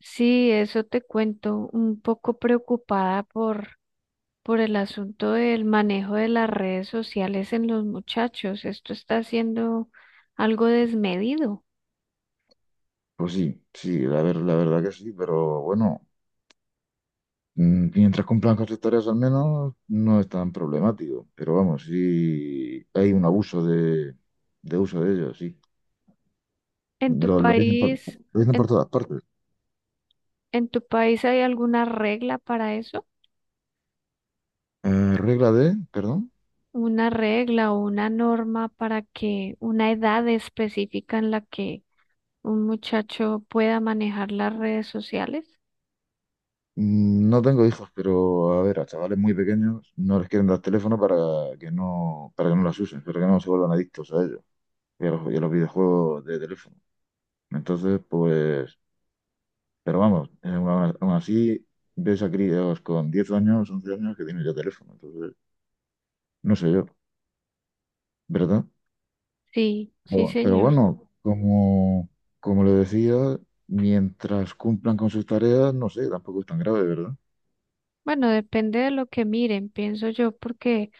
Sí, eso te cuento, un poco preocupada por el asunto del manejo de las redes sociales en los muchachos. Esto está siendo algo desmedido. Pues sí, sí, la verdad que sí, pero bueno, mientras cumplan con sus tareas al menos, no es tan problemático. Pero vamos, sí hay de uso de ellos, sí. ¿En tu Lo, lo dicen por, país, lo dicen por en, todas partes. en tu país hay alguna regla para eso? Regla de, perdón, ¿Una regla o una norma para que una edad específica en la que un muchacho pueda manejar las redes sociales? No tengo hijos, pero a ver, a chavales muy pequeños no les quieren dar teléfono para que no las usen, para que no se vuelvan adictos a ellos y a los videojuegos de teléfono. Entonces, pues pero vamos, aún así ves a críos con 10 años, 11 años que tienen ya teléfono, entonces no sé yo, ¿verdad? Sí, sí, Pero señor. bueno, como le decía, mientras cumplan con sus tareas, no sé, tampoco es tan grave, ¿verdad? Bueno, depende de lo que miren, pienso yo, porque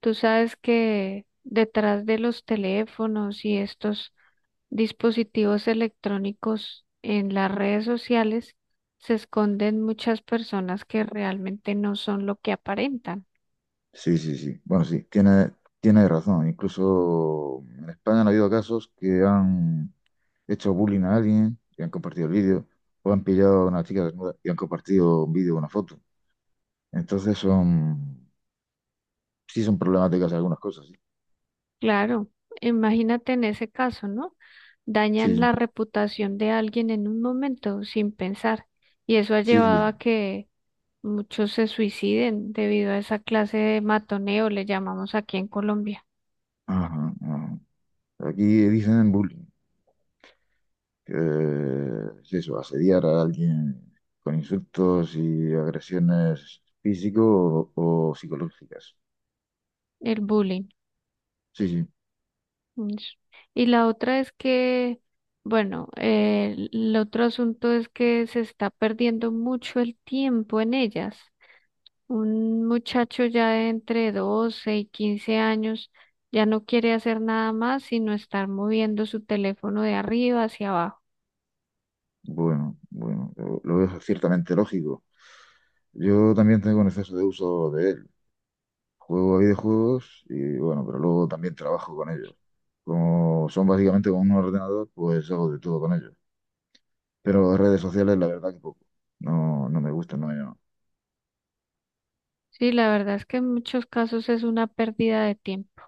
tú sabes que detrás de los teléfonos y estos dispositivos electrónicos en las redes sociales se esconden muchas personas que realmente no son lo que aparentan. Sí, sí, sí. Bueno, sí, tiene razón. Incluso en España han habido casos que han hecho bullying a alguien y han compartido el vídeo, o han pillado a una chica desnuda y han compartido un vídeo o una foto. Entonces son, sí son problemáticas algunas cosas, sí. Claro, imagínate en ese caso, ¿no? Dañan Sí, la reputación de alguien en un momento sin pensar y eso ha sí, sí. llevado a Sí. que muchos se suiciden debido a esa clase de matoneo, le llamamos aquí en Colombia, Ajá, ajá. Aquí dicen bullying, que es eso, asediar a alguien con insultos y agresiones físico o psicológicas. el bullying. Sí, sí. Ish. Y la otra es bueno, el otro asunto es que se está perdiendo mucho el tiempo en ellas. Un muchacho ya de entre 12 y 15 años ya no quiere hacer nada más sino estar moviendo su teléfono de arriba hacia abajo. Bueno, bueno, lo veo ciertamente lógico. Yo también tengo un exceso de uso de él. Juego a videojuegos y bueno, pero luego también trabajo con ellos. Como son básicamente con un ordenador, pues hago de todo con ellos. Pero redes sociales, la verdad que poco. No, no me gusta, no. Sí, la verdad es que en muchos casos es una pérdida de tiempo.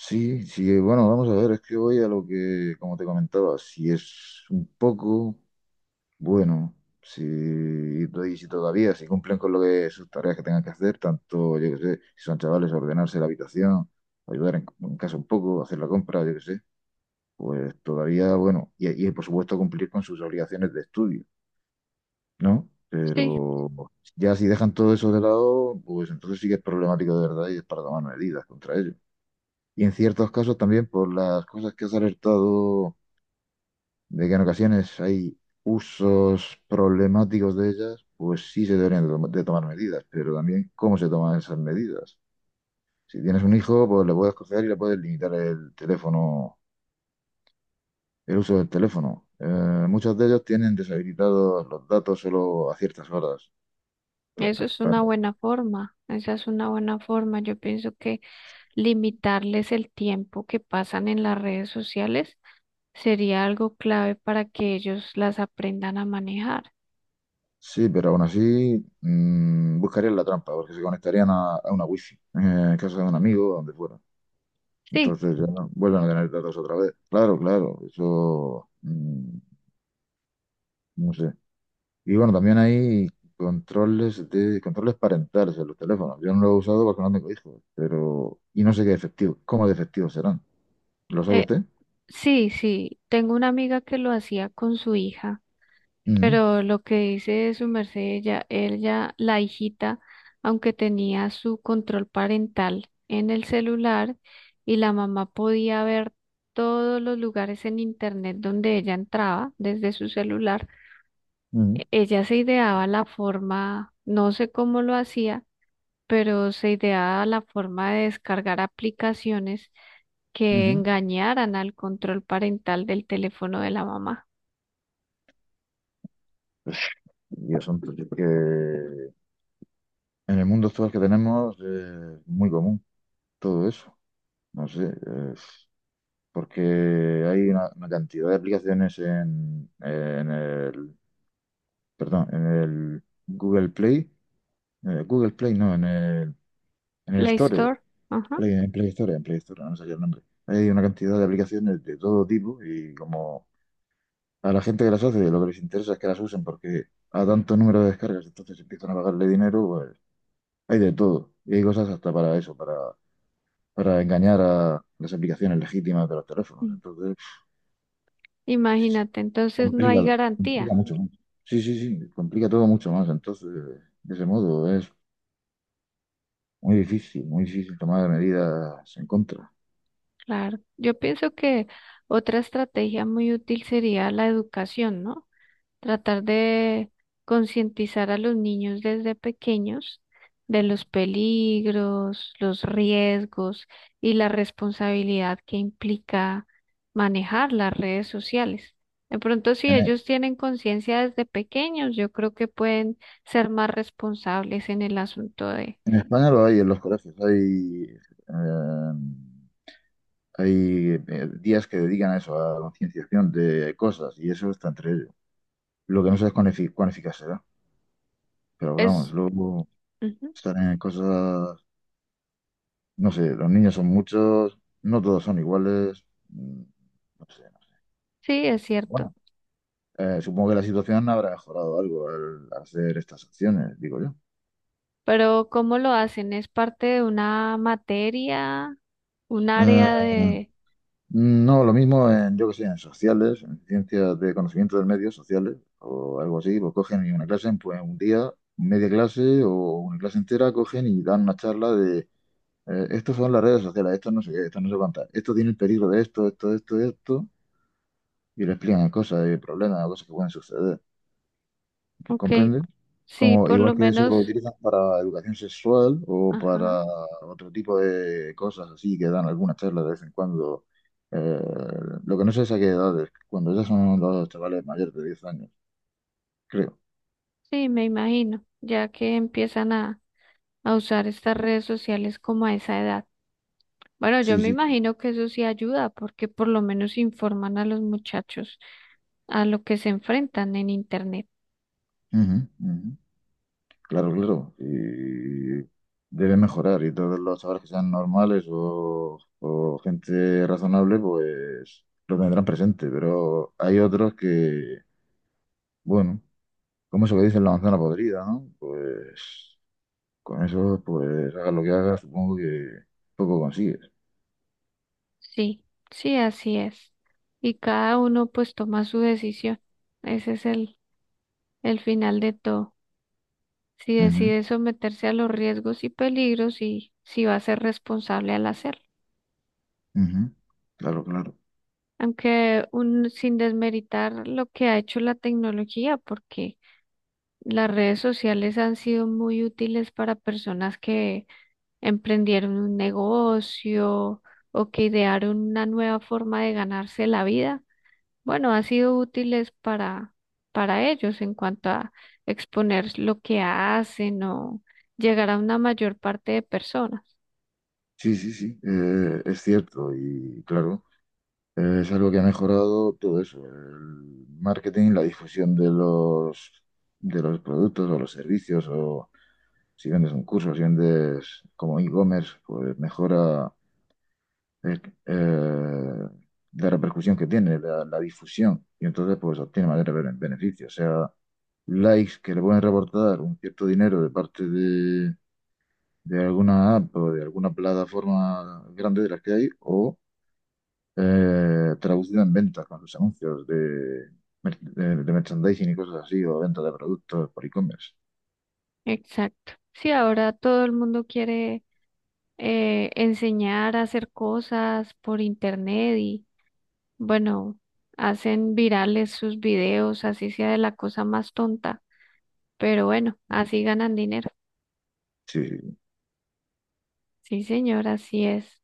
Sí, sí, bueno, vamos a ver, es que voy a lo que, como te comentaba, si es un poco, bueno, si, y si todavía, si cumplen con lo que sus tareas que tengan que hacer, tanto, yo que sé, si son chavales, ordenarse la habitación, ayudar en casa un poco, hacer la compra, yo que sé, pues todavía, bueno, y por supuesto cumplir con sus obligaciones de estudio, ¿no? Sí. Pero ya si dejan todo eso de lado, pues entonces sí que es problemático de verdad y es para tomar medidas contra ellos. Y en ciertos casos también por las cosas que has alertado, de que en ocasiones hay usos problemáticos de ellas, pues sí se deberían de tomar medidas, pero también cómo se toman esas medidas. Si tienes un hijo, pues le puedes coger y le puedes limitar el teléfono, el uso del teléfono. Muchos de ellos tienen deshabilitados los datos solo a ciertas horas. Pa- Eso es pa- una buena forma, esa es una buena forma. Yo pienso que limitarles el tiempo que pasan en las redes sociales sería algo clave para que ellos las aprendan a manejar. Sí, pero aún así buscarían la trampa, porque se conectarían a una wifi, en casa de un amigo o donde fuera. Sí, Entonces ya, no, vuelven a tener datos otra vez. Claro, claro, eso no sé. Y bueno, también hay controles parentales en los teléfonos. Yo no lo he usado porque no tengo hijos, pero y no sé qué efectivo, cómo de efectivos serán. ¿Lo sabe eh, usted? sí, sí. Tengo una amiga que lo hacía con su hija. Ujú, Pero lo que dice su merced, ella, la hijita, aunque tenía su control parental en el celular y la mamá podía ver todos los lugares en internet donde ella entraba desde su celular, ujú, ella se ideaba la forma, no sé cómo lo hacía, pero se ideaba la forma de descargar aplicaciones que ujú. engañaran al control parental del teléfono de la mamá. Y son que en el mundo actual que tenemos es muy común todo eso. No sé, es porque hay una cantidad de aplicaciones en el perdón, en el Google Play, Google Play no, en el Play Store, Store, ajá. En Play Store, no sé qué el nombre. Hay una cantidad de aplicaciones de todo tipo y como a la gente que las hace, lo que les interesa es que las usen porque a tanto número de descargas, entonces empiezan a pagarle dinero, pues hay de todo. Y hay cosas hasta para eso, para engañar a las aplicaciones legítimas de los teléfonos. Entonces, Imagínate, entonces no hay complica, complica garantía. mucho más. Sí, sí, sí, complica todo mucho más. Entonces, de ese modo, es muy difícil, muy difícil tomar medidas en contra. Claro, yo pienso que otra estrategia muy útil sería la educación, ¿no? Tratar de concientizar a los niños desde pequeños de los peligros, los riesgos y la responsabilidad que implica manejar las redes sociales. De pronto, si En, ellos tienen conciencia desde pequeños, yo creo que pueden ser más responsables en el asunto de en España lo hay en los colegios, eh, hay días que dedican a eso, a la concienciación de cosas, y eso está entre ellos. Lo que no sé es cuán eficaz será, pero vamos, es. luego Ujú. estar en cosas, no sé, los niños son muchos, no todos son iguales, no sé, no sé. Sí, es cierto. Bueno, supongo que la situación habrá mejorado algo al hacer estas acciones, digo yo. Pero ¿cómo lo hacen? ¿Es parte de una materia, un Eh, área de... No, lo mismo en, yo que sé, en sociales, en ciencias de conocimiento del medio, sociales, o algo así, lo cogen y una clase en pues, un día, media clase o una clase entera, cogen y dan una charla de estos son las redes sociales, esto no sé qué, esto no sé cuántas, esto tiene el peligro de esto, esto, esto, esto, y le explican cosas y problemas, cosas que pueden suceder. Ok, ¿Comprende? sí, Como, por lo igual que eso menos, lo utilizan para educación sexual o ajá, para otro tipo de cosas así que dan algunas charlas de vez en cuando. Eh, lo que no sé es a qué edades cuando ya son los chavales mayores de 10 años, creo. sí, me imagino, ya que empiezan a usar estas redes sociales como a esa edad. Bueno, yo Sí, me sí. imagino que eso sí ayuda, porque por lo menos informan a los muchachos a lo que se enfrentan en Internet. Ujú, ujú. Claro, claro. Y debe mejorar y todos los chavales que sean normales o gente razonable, pues lo tendrán presente, pero hay otros que... Bueno, ¿cómo se le dice la manzana podrida, no? Pues con eso, pues hagas lo que hagas, supongo que poco consigues. Sí, sí, así es. Y cada uno pues toma su decisión. Ese es el final de todo. Si Ujú, decide someterse a los riesgos y peligros y si va a ser responsable al hacerlo. ujú. Claro, claro. Aunque un, sin desmeritar lo que ha hecho la tecnología, porque las redes sociales han sido muy útiles para personas que emprendieron un negocio o que idearon una nueva forma de ganarse la vida bueno, ha sido útiles para ellos en cuanto a exponer lo que hacen o llegar a una mayor parte de personas. Sí, sí, sí, es cierto y claro, es algo que ha mejorado todo eso, el marketing, la difusión de los productos o los servicios o si vendes un curso, si vendes como e-commerce, pues mejora eh, eh, la repercusión que tiene, la difusión, y entonces pues obtiene mayor beneficio, o sea, likes que le pueden reportar un cierto dinero de parte de alguna app o de alguna plataforma grande de las que hay, o traducido en ventas con sus anuncios de, de merchandising y cosas así, o venta de productos por e-commerce. Exacto. Sí, ahora todo el mundo quiere enseñar a hacer cosas por internet y bueno, hacen virales sus videos, así sea de la cosa más tonta, pero bueno, así ganan dinero. Sí, sí. Sí. Sí, señor, así es.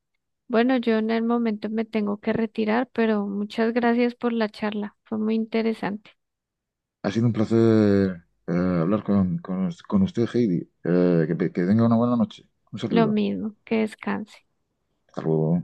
Bueno, yo en el momento me tengo que retirar, pero muchas gracias por la charla. Fue muy interesante. Ha sido un placer hablar con usted, Heidi. Que tenga una buena noche. Un Lo saludo. mismo, que descanse. Hasta luego.